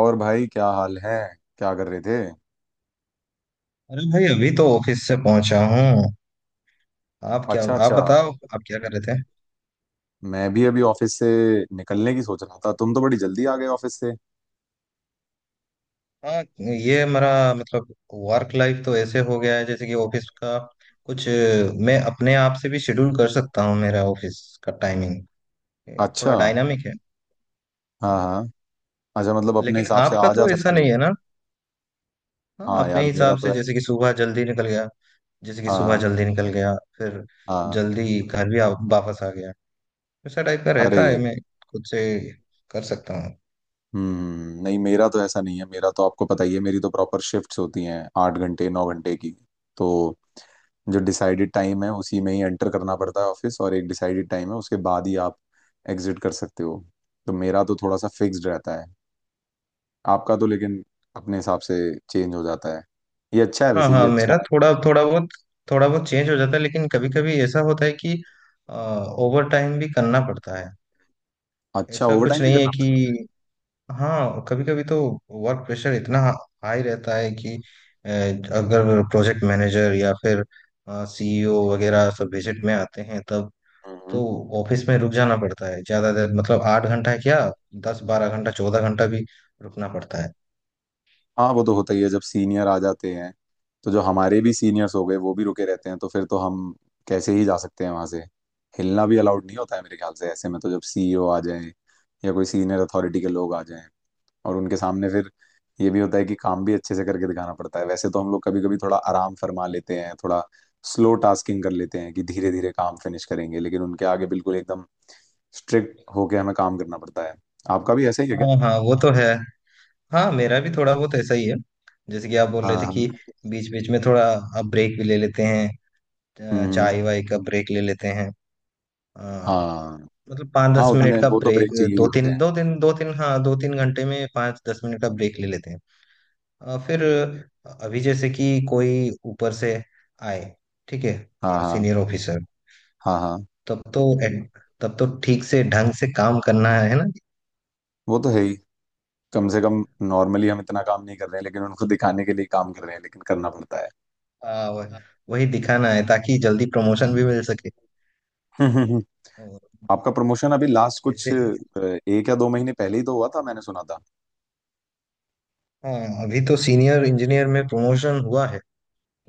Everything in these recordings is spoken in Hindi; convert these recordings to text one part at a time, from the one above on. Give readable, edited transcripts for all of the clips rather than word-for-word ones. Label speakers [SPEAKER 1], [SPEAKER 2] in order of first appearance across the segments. [SPEAKER 1] और भाई, क्या हाल है? क्या कर रहे थे?
[SPEAKER 2] अरे भाई, अभी तो ऑफिस से पहुंचा हूँ।
[SPEAKER 1] अच्छा,
[SPEAKER 2] आप
[SPEAKER 1] अच्छा।
[SPEAKER 2] बताओ, आप क्या कर रहे थे।
[SPEAKER 1] मैं भी अभी ऑफिस से निकलने की सोच रहा था। तुम तो बड़ी जल्दी आ गए ऑफिस से।
[SPEAKER 2] हाँ, ये मेरा मतलब वर्क लाइफ तो ऐसे हो गया है जैसे कि ऑफिस का कुछ। मैं अपने आप से भी शेड्यूल कर सकता हूँ, मेरा ऑफिस का टाइमिंग
[SPEAKER 1] अच्छा।
[SPEAKER 2] थोड़ा डायनामिक है।
[SPEAKER 1] हाँ
[SPEAKER 2] हाँ।
[SPEAKER 1] हाँ। अच्छा, मतलब अपने
[SPEAKER 2] लेकिन
[SPEAKER 1] हिसाब से
[SPEAKER 2] आपका
[SPEAKER 1] आ जा
[SPEAKER 2] तो ऐसा
[SPEAKER 1] सकते हो।
[SPEAKER 2] नहीं है ना। हाँ,
[SPEAKER 1] हाँ यार,
[SPEAKER 2] अपने
[SPEAKER 1] मेरा
[SPEAKER 2] हिसाब
[SPEAKER 1] तो
[SPEAKER 2] से
[SPEAKER 1] है।
[SPEAKER 2] जैसे कि सुबह जल्दी निकल गया, जैसे कि
[SPEAKER 1] हाँ
[SPEAKER 2] सुबह
[SPEAKER 1] हाँ।
[SPEAKER 2] जल्दी निकल गया, फिर
[SPEAKER 1] हाँ।
[SPEAKER 2] जल्दी घर भी वापस आ गया। ऐसा टाइप का
[SPEAKER 1] अरे।
[SPEAKER 2] रहता है, मैं खुद से कर सकता हूँ।
[SPEAKER 1] नहीं, मेरा तो ऐसा नहीं है। मेरा तो आपको पता ही है, मेरी तो प्रॉपर शिफ्ट्स होती हैं, 8 घंटे 9 घंटे की। तो जो डिसाइडेड टाइम है उसी में ही एंटर करना पड़ता है ऑफिस, और एक डिसाइडेड टाइम है उसके बाद ही आप एग्जिट कर सकते हो। तो मेरा तो थोड़ा सा फिक्स्ड रहता है। आपका तो लेकिन अपने हिसाब से चेंज हो जाता है। ये अच्छा है,
[SPEAKER 2] हाँ
[SPEAKER 1] वैसे ये
[SPEAKER 2] हाँ,
[SPEAKER 1] अच्छा
[SPEAKER 2] मेरा थोड़ा
[SPEAKER 1] है।
[SPEAKER 2] थोड़ा बहुत चेंज हो जाता है, लेकिन कभी कभी ऐसा होता है कि ओवर टाइम भी करना पड़ता है।
[SPEAKER 1] अच्छा,
[SPEAKER 2] ऐसा
[SPEAKER 1] ओवर
[SPEAKER 2] कुछ
[SPEAKER 1] टाइम भी
[SPEAKER 2] नहीं है
[SPEAKER 1] करना पड़ता
[SPEAKER 2] कि। हाँ, कभी कभी तो वर्क प्रेशर इतना हाई रहता है कि अगर प्रोजेक्ट मैनेजर या फिर सीईओ वगैरह सब विजिट में आते हैं, तब
[SPEAKER 1] है। हम्म।
[SPEAKER 2] तो ऑफिस में रुक जाना पड़ता है ज्यादा देर, मतलब 8 घंटा क्या, 10 12 घंटा, 14 घंटा भी रुकना पड़ता है।
[SPEAKER 1] हाँ, वो तो होता ही है जब सीनियर आ जाते हैं। तो जो हमारे भी सीनियर्स हो गए वो भी रुके रहते हैं, तो फिर तो हम कैसे ही जा सकते हैं वहां से। हिलना भी अलाउड नहीं होता है मेरे ख्याल से ऐसे में, तो जब सीईओ आ जाए या कोई सीनियर अथॉरिटी के लोग आ जाएं और उनके सामने फिर ये भी होता है कि काम भी अच्छे से करके दिखाना पड़ता है। वैसे तो हम लोग कभी कभी थोड़ा आराम फरमा लेते हैं, थोड़ा स्लो टास्किंग कर लेते हैं कि धीरे धीरे काम फिनिश करेंगे, लेकिन उनके आगे बिल्कुल एकदम स्ट्रिक्ट होके हमें काम करना पड़ता है। आपका भी ऐसा ही है क्या?
[SPEAKER 2] हाँ हाँ वो तो है। हाँ, मेरा भी थोड़ा बहुत ऐसा ही है, जैसे कि आप बोल
[SPEAKER 1] हाँ
[SPEAKER 2] रहे थे
[SPEAKER 1] हाँ।
[SPEAKER 2] कि बीच बीच में थोड़ा आप ब्रेक भी ले लेते हैं,
[SPEAKER 1] हम्म।
[SPEAKER 2] चाय वाय का ब्रेक ले लेते हैं, अ,
[SPEAKER 1] हाँ
[SPEAKER 2] मतलब पाँच
[SPEAKER 1] हाँ,
[SPEAKER 2] दस
[SPEAKER 1] उतने
[SPEAKER 2] मिनट का
[SPEAKER 1] वो तो
[SPEAKER 2] ब्रेक।
[SPEAKER 1] ब्रेक चाहिए ही होते हैं।
[SPEAKER 2] दो तीन, हाँ, 2 3 घंटे में 5 10 मिनट का ब्रेक ले लेते हैं। फिर अभी जैसे कि कोई ऊपर से आए, ठीक है,
[SPEAKER 1] हाँ हाँ।
[SPEAKER 2] सीनियर ऑफिसर,
[SPEAKER 1] हाँ हाँ।
[SPEAKER 2] तब तो तब तो ठीक से ढंग से काम करना है ना।
[SPEAKER 1] वो तो है ही। कम से कम नॉर्मली हम इतना काम नहीं कर रहे हैं लेकिन उनको दिखाने के लिए काम कर रहे हैं, लेकिन करना पड़ता है।
[SPEAKER 2] अ, वही दिखाना है ताकि जल्दी प्रमोशन भी
[SPEAKER 1] हम्म।
[SPEAKER 2] मिल सके और
[SPEAKER 1] आपका प्रमोशन अभी लास्ट कुछ
[SPEAKER 2] ऐसे।
[SPEAKER 1] एक या 2 महीने पहले ही तो हुआ था, मैंने सुना था।
[SPEAKER 2] हाँ, अभी तो सीनियर इंजीनियर में प्रमोशन हुआ है,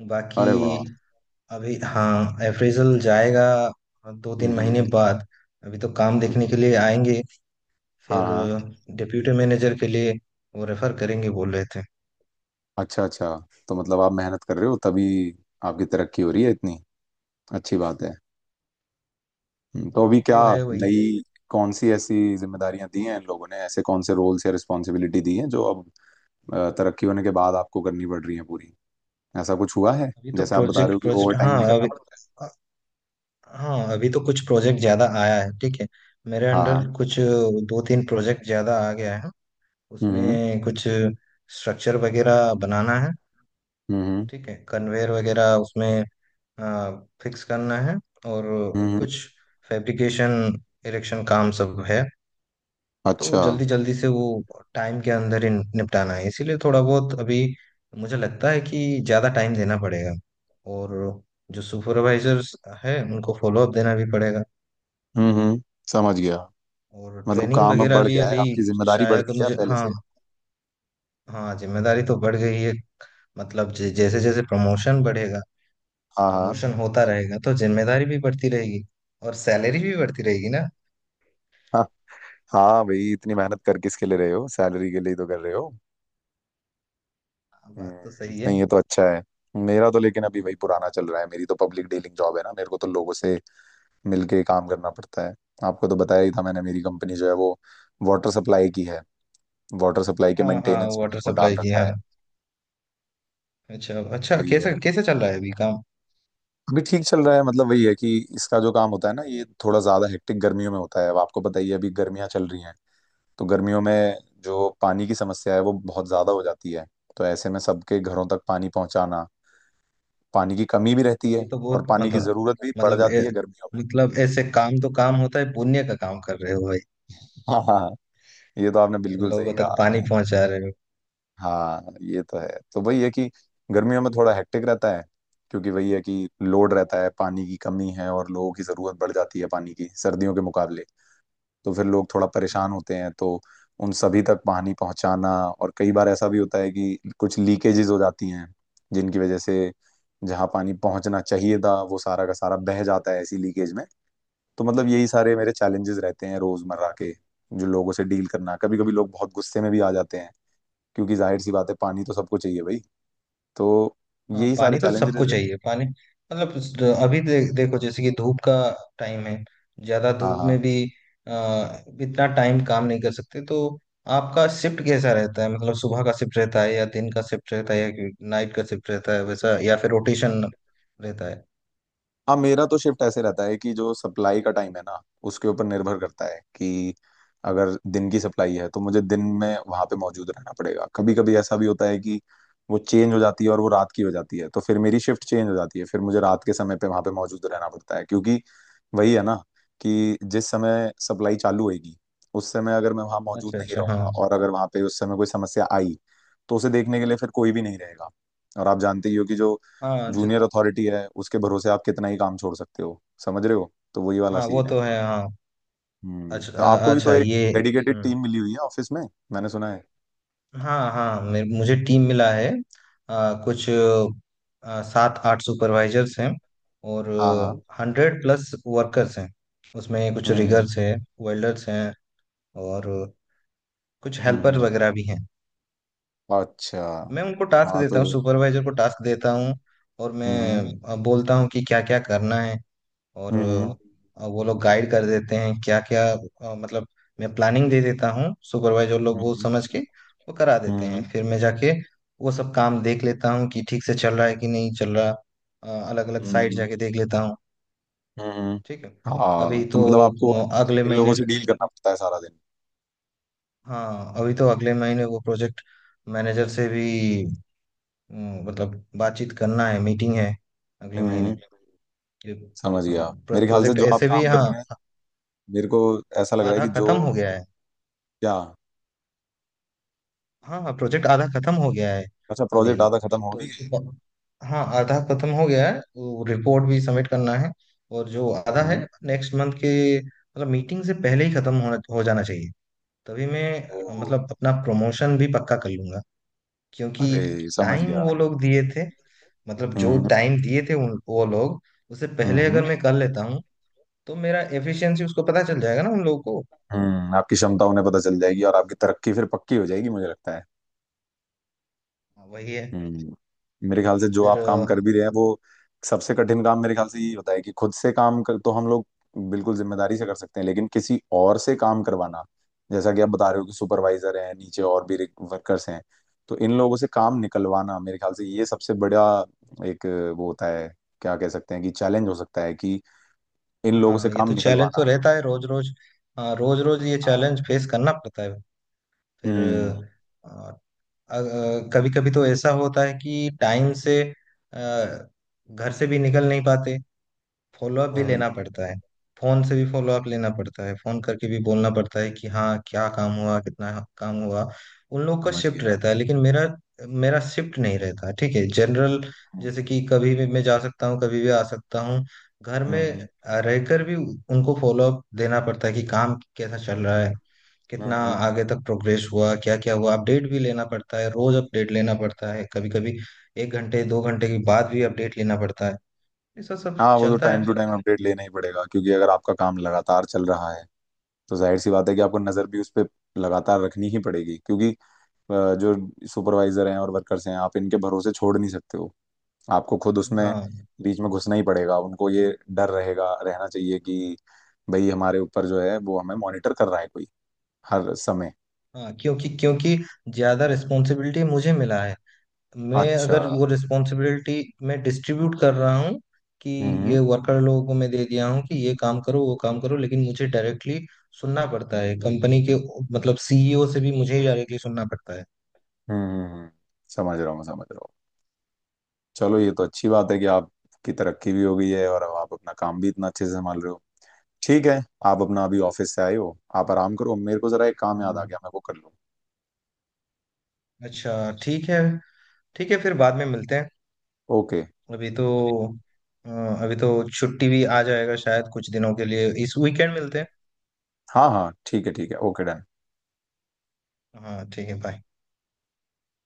[SPEAKER 2] बाकी
[SPEAKER 1] अरे वाह।
[SPEAKER 2] अभी। हाँ, अप्रेजल जाएगा दो
[SPEAKER 1] हम्म
[SPEAKER 2] तीन महीने
[SPEAKER 1] हम्म,
[SPEAKER 2] बाद, अभी तो काम देखने
[SPEAKER 1] हम्म।
[SPEAKER 2] के लिए आएंगे,
[SPEAKER 1] हाँ
[SPEAKER 2] फिर
[SPEAKER 1] हाँ।
[SPEAKER 2] डिप्यूटी मैनेजर के लिए वो रेफर करेंगे बोल रहे थे।
[SPEAKER 1] अच्छा अच्छा, तो मतलब आप मेहनत कर रहे हो तभी आपकी तरक्की हो रही है इतनी। अच्छी बात है। तो अभी
[SPEAKER 2] बात
[SPEAKER 1] क्या
[SPEAKER 2] तो है वही।
[SPEAKER 1] नई कौन सी ऐसी जिम्मेदारियां दी हैं इन लोगों ने, ऐसे कौन से रोल्स या रिस्पॉन्सिबिलिटी दी हैं जो अब तरक्की होने के बाद आपको करनी पड़ रही है पूरी? ऐसा कुछ हुआ है?
[SPEAKER 2] अभी तो
[SPEAKER 1] जैसे आप बता रहे हो
[SPEAKER 2] प्रोजेक्ट
[SPEAKER 1] कि ओवर
[SPEAKER 2] प्रोजेक्ट,
[SPEAKER 1] टाइम
[SPEAKER 2] हाँ
[SPEAKER 1] भी करना
[SPEAKER 2] अभी,
[SPEAKER 1] पड़ता है।
[SPEAKER 2] अ- हाँ अभी तो कुछ प्रोजेक्ट ज्यादा आया है, ठीक है, मेरे
[SPEAKER 1] हाँ
[SPEAKER 2] अंडर
[SPEAKER 1] हाँ।
[SPEAKER 2] कुछ दो तीन प्रोजेक्ट ज्यादा आ गया है।
[SPEAKER 1] हम्म
[SPEAKER 2] उसमें कुछ स्ट्रक्चर वगैरह बनाना है,
[SPEAKER 1] हम्म।
[SPEAKER 2] ठीक है, कन्वेयर वगैरह उसमें, हाँ, फिक्स करना है, और
[SPEAKER 1] हम्म,
[SPEAKER 2] कुछ
[SPEAKER 1] हम्म।
[SPEAKER 2] फैब्रिकेशन, इरेक्शन काम सब है। तो
[SPEAKER 1] अच्छा।
[SPEAKER 2] जल्दी जल्दी से वो टाइम के अंदर ही निपटाना है, इसीलिए थोड़ा बहुत अभी मुझे लगता है कि ज़्यादा टाइम देना पड़ेगा और जो सुपरवाइजर्स है उनको फॉलोअप देना भी पड़ेगा,
[SPEAKER 1] हम्म। समझ गया।
[SPEAKER 2] और
[SPEAKER 1] मतलब
[SPEAKER 2] ट्रेनिंग
[SPEAKER 1] काम अब
[SPEAKER 2] वगैरह
[SPEAKER 1] बढ़
[SPEAKER 2] भी
[SPEAKER 1] गया है,
[SPEAKER 2] अभी,
[SPEAKER 1] आपकी जिम्मेदारी बढ़
[SPEAKER 2] शायद
[SPEAKER 1] गई है
[SPEAKER 2] मुझे।
[SPEAKER 1] पहले
[SPEAKER 2] हाँ
[SPEAKER 1] से।
[SPEAKER 2] हाँ, जिम्मेदारी तो बढ़ गई है, मतलब जैसे जैसे प्रमोशन बढ़ेगा,
[SPEAKER 1] हाँ हाँ।
[SPEAKER 2] प्रमोशन होता रहेगा, तो जिम्मेदारी भी बढ़ती रहेगी और सैलरी भी बढ़ती रहेगी ना।
[SPEAKER 1] हाँ। हाँ भाई, इतनी मेहनत कर किसके लिए रहे हो? सैलरी के लिए ही तो कर रहे हो।
[SPEAKER 2] हाँ, बात तो सही है।
[SPEAKER 1] नहीं ये तो अच्छा है। मेरा तो लेकिन अभी वही पुराना चल रहा है। मेरी तो पब्लिक डीलिंग जॉब है ना, मेरे को तो लोगों से मिलके काम करना पड़ता है। आपको तो बताया ही था मैंने, मेरी कंपनी जो है वो वाटर सप्लाई की है। वाटर सप्लाई के
[SPEAKER 2] हाँ हाँ,
[SPEAKER 1] मेंटेनेंस में
[SPEAKER 2] वाटर
[SPEAKER 1] मेरे को डाल
[SPEAKER 2] सप्लाई की,
[SPEAKER 1] रखा
[SPEAKER 2] हाँ।
[SPEAKER 1] है।
[SPEAKER 2] अच्छा अच्छा,
[SPEAKER 1] वही है।
[SPEAKER 2] कैसे कैसे चल रहा है अभी काम।
[SPEAKER 1] अभी ठीक चल रहा है, मतलब वही है कि इसका जो काम होता है ना, ये थोड़ा ज्यादा हेक्टिक गर्मियों में होता है। अब आपको पता ही है, अभी गर्मियां चल रही हैं। तो गर्मियों में जो पानी की समस्या है वो बहुत ज़्यादा हो जाती है। तो ऐसे में सबके घरों तक पानी पहुंचाना, पानी की कमी भी रहती है
[SPEAKER 2] ये तो
[SPEAKER 1] और
[SPEAKER 2] बहुत
[SPEAKER 1] पानी की
[SPEAKER 2] मतलब,
[SPEAKER 1] ज़रूरत भी बढ़
[SPEAKER 2] मतलब ए,
[SPEAKER 1] जाती है गर्मियों में।
[SPEAKER 2] मतलब ऐसे काम तो काम होता है, पुण्य का काम कर रहे हो भाई,
[SPEAKER 1] हाँ हाँ। ये तो आपने बिल्कुल सही
[SPEAKER 2] लोगों तक पानी
[SPEAKER 1] कहा।
[SPEAKER 2] पहुंचा रहे
[SPEAKER 1] हाँ, ये तो है। तो वही है कि गर्मियों में थोड़ा हेक्टिक रहता है, क्योंकि वही है कि लोड रहता है, पानी की कमी है और लोगों की ज़रूरत बढ़ जाती है पानी की सर्दियों के मुकाबले। तो फिर लोग थोड़ा
[SPEAKER 2] हो।
[SPEAKER 1] परेशान होते हैं, तो उन सभी तक पानी पहुंचाना। और कई बार ऐसा भी होता है कि कुछ लीकेजेस हो जाती हैं, जिनकी वजह से जहाँ पानी पहुंचना चाहिए था वो सारा का सारा बह जाता है ऐसी लीकेज में। तो मतलब यही सारे मेरे चैलेंजेस रहते हैं रोजमर्रा के, जो लोगों से डील करना। कभी कभी लोग बहुत गुस्से में भी आ जाते हैं, क्योंकि जाहिर सी बात है पानी तो सबको चाहिए भाई। तो
[SPEAKER 2] हाँ,
[SPEAKER 1] यही सारे
[SPEAKER 2] पानी तो
[SPEAKER 1] चैलेंजेस।
[SPEAKER 2] सबको चाहिए, पानी मतलब अभी देखो, जैसे कि धूप का टाइम है, ज्यादा
[SPEAKER 1] हाँ
[SPEAKER 2] धूप
[SPEAKER 1] हाँ।
[SPEAKER 2] में भी आ, इतना टाइम काम नहीं कर सकते। तो आपका शिफ्ट कैसा रहता है, मतलब सुबह का शिफ्ट रहता है या दिन का शिफ्ट रहता है या नाइट का शिफ्ट रहता है वैसा, या फिर रोटेशन रहता है।
[SPEAKER 1] हाँ, मेरा तो शिफ्ट ऐसे रहता है कि जो सप्लाई का टाइम है ना उसके ऊपर निर्भर करता है कि अगर दिन की सप्लाई है तो मुझे दिन में वहां पे मौजूद रहना पड़ेगा। कभी कभी ऐसा भी होता है कि वो चेंज हो जाती है और वो रात की हो जाती है, तो फिर मेरी शिफ्ट चेंज हो जाती है, फिर मुझे रात के समय पे वहां पे मौजूद रहना पड़ता है। क्योंकि वही है ना, कि जिस समय सप्लाई चालू होगी, उस समय अगर मैं वहां मौजूद
[SPEAKER 2] अच्छा
[SPEAKER 1] नहीं
[SPEAKER 2] अच्छा। हाँ
[SPEAKER 1] रहूंगा और अगर वहां पे उस समय कोई समस्या आई, तो उसे देखने के लिए फिर कोई भी नहीं रहेगा। और आप जानते ही हो कि जो
[SPEAKER 2] हाँ। अच्छा।
[SPEAKER 1] जूनियर अथॉरिटी है उसके भरोसे आप कितना ही काम छोड़ सकते हो, समझ रहे हो, तो वही वाला
[SPEAKER 2] हाँ वो
[SPEAKER 1] सीन है।
[SPEAKER 2] तो है। हाँ,
[SPEAKER 1] हम्म,
[SPEAKER 2] अच्छा
[SPEAKER 1] तो आपको भी तो
[SPEAKER 2] अच्छा
[SPEAKER 1] एक
[SPEAKER 2] ये,
[SPEAKER 1] डेडिकेटेड
[SPEAKER 2] हम्म।
[SPEAKER 1] टीम मिली हुई है ऑफिस में, मैंने सुना है।
[SPEAKER 2] हाँ हाँ, मुझे टीम मिला है, कुछ सात आठ सुपरवाइजर्स हैं और
[SPEAKER 1] हाँ हाँ।
[SPEAKER 2] 100+ वर्कर्स हैं, उसमें कुछ
[SPEAKER 1] हम्म।
[SPEAKER 2] रिगर्स हैं, वेल्डर्स हैं और कुछ
[SPEAKER 1] हम्म
[SPEAKER 2] हेल्पर
[SPEAKER 1] हम्म,
[SPEAKER 2] वगैरह भी हैं।
[SPEAKER 1] अच्छा।
[SPEAKER 2] मैं उनको टास्क
[SPEAKER 1] हाँ तो।
[SPEAKER 2] देता हूँ, सुपरवाइजर को टास्क देता हूँ और
[SPEAKER 1] हम्म
[SPEAKER 2] मैं बोलता हूँ कि क्या क्या करना है, और
[SPEAKER 1] हम्म।
[SPEAKER 2] वो लोग गाइड कर देते हैं क्या क्या, मतलब मैं प्लानिंग दे देता हूँ, सुपरवाइजर लोग वो
[SPEAKER 1] हम्म।
[SPEAKER 2] समझ के वो करा देते
[SPEAKER 1] हम्म
[SPEAKER 2] हैं, फिर मैं जाके वो सब काम देख लेता हूँ कि ठीक से चल रहा है कि नहीं चल रहा, अलग अलग
[SPEAKER 1] हम्म।
[SPEAKER 2] साइड जाके देख लेता हूँ,
[SPEAKER 1] हम्म, हम्म।
[SPEAKER 2] ठीक है।
[SPEAKER 1] हाँ,
[SPEAKER 2] अभी
[SPEAKER 1] तो
[SPEAKER 2] तो
[SPEAKER 1] मतलब आपको
[SPEAKER 2] अगले
[SPEAKER 1] इन लोगों
[SPEAKER 2] महीने,
[SPEAKER 1] से डील करना पड़ता है सारा दिन।
[SPEAKER 2] हाँ, अभी तो अगले महीने वो प्रोजेक्ट मैनेजर से भी, मतलब बातचीत करना है, मीटिंग है अगले
[SPEAKER 1] हम्म
[SPEAKER 2] महीने।
[SPEAKER 1] हम्म,
[SPEAKER 2] ये-
[SPEAKER 1] समझ गया।
[SPEAKER 2] हाँ,
[SPEAKER 1] मेरे ख्याल से
[SPEAKER 2] प्रोजेक्ट
[SPEAKER 1] जो आप
[SPEAKER 2] ऐसे भी,
[SPEAKER 1] काम कर
[SPEAKER 2] हाँ,
[SPEAKER 1] रहे हैं, मेरे को ऐसा लग रहा है
[SPEAKER 2] आधा
[SPEAKER 1] कि जो
[SPEAKER 2] खत्म हो गया है।
[SPEAKER 1] क्या?
[SPEAKER 2] हाँ हाँ, प्रोजेक्ट आधा खत्म हो गया है।
[SPEAKER 1] अच्छा,
[SPEAKER 2] अभी
[SPEAKER 1] प्रोजेक्ट आधा खत्म हो
[SPEAKER 2] तो
[SPEAKER 1] भी
[SPEAKER 2] उसके
[SPEAKER 1] गया
[SPEAKER 2] बाद- हाँ, आधा खत्म हो गया है, वो रिपोर्ट भी सबमिट करना है और जो
[SPEAKER 1] है।
[SPEAKER 2] आधा है
[SPEAKER 1] हम्म।
[SPEAKER 2] नेक्स्ट मंथ के, मतलब मीटिंग से पहले ही खत्म होना, हो जाना चाहिए, तभी मैं,
[SPEAKER 1] ओह।
[SPEAKER 2] मतलब अपना प्रमोशन भी पक्का कर लूंगा, क्योंकि
[SPEAKER 1] अरे, समझ
[SPEAKER 2] टाइम
[SPEAKER 1] गया।
[SPEAKER 2] वो लोग दिए थे, मतलब जो
[SPEAKER 1] हम्म
[SPEAKER 2] टाइम दिए थे उन वो लोग, उससे पहले
[SPEAKER 1] हम्म।
[SPEAKER 2] अगर मैं कर लेता हूँ तो मेरा एफिशिएंसी उसको पता चल जाएगा ना, उन लोगों को।
[SPEAKER 1] हम्म। आपकी क्षमता उन्हें पता चल जाएगी और आपकी तरक्की फिर पक्की हो जाएगी, मुझे लगता है।
[SPEAKER 2] हाँ, वही है
[SPEAKER 1] हम्म। मेरे ख्याल से जो
[SPEAKER 2] फिर।
[SPEAKER 1] आप काम कर भी रहे हैं वो सबसे कठिन काम मेरे ख्याल से यही होता है, कि खुद से काम कर तो हम लोग बिल्कुल जिम्मेदारी से कर सकते हैं, लेकिन किसी और से काम करवाना, जैसा कि आप बता रहे हो कि सुपरवाइजर हैं नीचे और भी वर्कर्स हैं, तो इन लोगों से काम निकलवाना मेरे ख्याल से ये सबसे बड़ा एक वो होता है, क्या कह सकते हैं कि चैलेंज हो सकता है कि इन लोगों से
[SPEAKER 2] हाँ, ये
[SPEAKER 1] काम
[SPEAKER 2] तो चैलेंज तो
[SPEAKER 1] निकलवाना।
[SPEAKER 2] रहता है रोज रोज, हाँ, रोज रोज ये
[SPEAKER 1] हाँ।
[SPEAKER 2] चैलेंज फेस करना पड़ता है फिर।
[SPEAKER 1] हम्म
[SPEAKER 2] कभी कभी तो ऐसा होता है कि टाइम से अ, घर से भी निकल नहीं पाते, फॉलोअप भी
[SPEAKER 1] हम्म।
[SPEAKER 2] लेना पड़ता है, फोन से भी फॉलोअप लेना पड़ता है, फोन करके भी बोलना पड़ता है कि हाँ, क्या काम हुआ, कितना काम हुआ। उन लोग का
[SPEAKER 1] समझ
[SPEAKER 2] शिफ्ट
[SPEAKER 1] गया।
[SPEAKER 2] रहता है लेकिन मेरा मेरा शिफ्ट नहीं रहता, ठीक है, जनरल,
[SPEAKER 1] हम्म
[SPEAKER 2] जैसे कि कभी भी मैं जा सकता हूँ, कभी भी आ सकता हूँ। घर में
[SPEAKER 1] हम्म।
[SPEAKER 2] रहकर भी उनको फॉलोअप देना पड़ता है कि काम कैसा चल रहा है, कितना
[SPEAKER 1] हम्म।
[SPEAKER 2] आगे तक प्रोग्रेस हुआ, क्या क्या हुआ, अपडेट भी लेना पड़ता है, रोज अपडेट लेना पड़ता है, कभी कभी 1 घंटे 2 घंटे के बाद भी अपडेट लेना पड़ता है, ऐसा सब
[SPEAKER 1] हाँ, वो तो
[SPEAKER 2] चलता
[SPEAKER 1] टाइम टू
[SPEAKER 2] है।
[SPEAKER 1] टाइम अपडेट लेना ही पड़ेगा, क्योंकि अगर आपका काम लगातार चल रहा है तो जाहिर सी बात है कि आपको नजर भी उस पर लगातार रखनी ही पड़ेगी, क्योंकि जो सुपरवाइजर हैं और वर्कर्स हैं आप इनके भरोसे छोड़ नहीं सकते हो। आपको खुद उसमें
[SPEAKER 2] हाँ
[SPEAKER 1] बीच में घुसना ही पड़ेगा, उनको ये डर रहेगा, रहना चाहिए कि भाई हमारे ऊपर जो है वो हमें मॉनिटर कर रहा है कोई हर समय।
[SPEAKER 2] हाँ, क्योंकि क्योंकि ज्यादा रिस्पॉन्सिबिलिटी मुझे मिला है। मैं
[SPEAKER 1] अच्छा।
[SPEAKER 2] अगर वो रिस्पॉन्सिबिलिटी, मैं डिस्ट्रीब्यूट कर रहा हूँ कि
[SPEAKER 1] हम्म
[SPEAKER 2] ये वर्कर लोगों को मैं दे दिया हूँ कि ये काम करो, वो काम करो, लेकिन मुझे डायरेक्टली सुनना पड़ता है कंपनी के, मतलब सीईओ से भी मुझे ही डायरेक्टली सुनना पड़ता है।
[SPEAKER 1] हम्म। समझ रहा हूँ, समझ रहा हूँ। चलो, ये तो अच्छी बात है कि आपकी तरक्की भी हो गई है और अब आप अपना काम भी इतना अच्छे से संभाल रहे हो। ठीक है, आप अपना अभी ऑफिस से आए हो, आप आराम करो, मेरे को जरा एक काम याद आ
[SPEAKER 2] हाँ,
[SPEAKER 1] गया, मैं वो कर लूँ।
[SPEAKER 2] अच्छा, ठीक है। ठीक है, फिर बाद में मिलते हैं।
[SPEAKER 1] ओके।
[SPEAKER 2] अभी तो अ, अभी तो छुट्टी भी आ जाएगा शायद कुछ दिनों के लिए, इस वीकेंड मिलते हैं।
[SPEAKER 1] हाँ हाँ, ठीक है, ठीक है, ओके डन।
[SPEAKER 2] हाँ, ठीक है, बाय।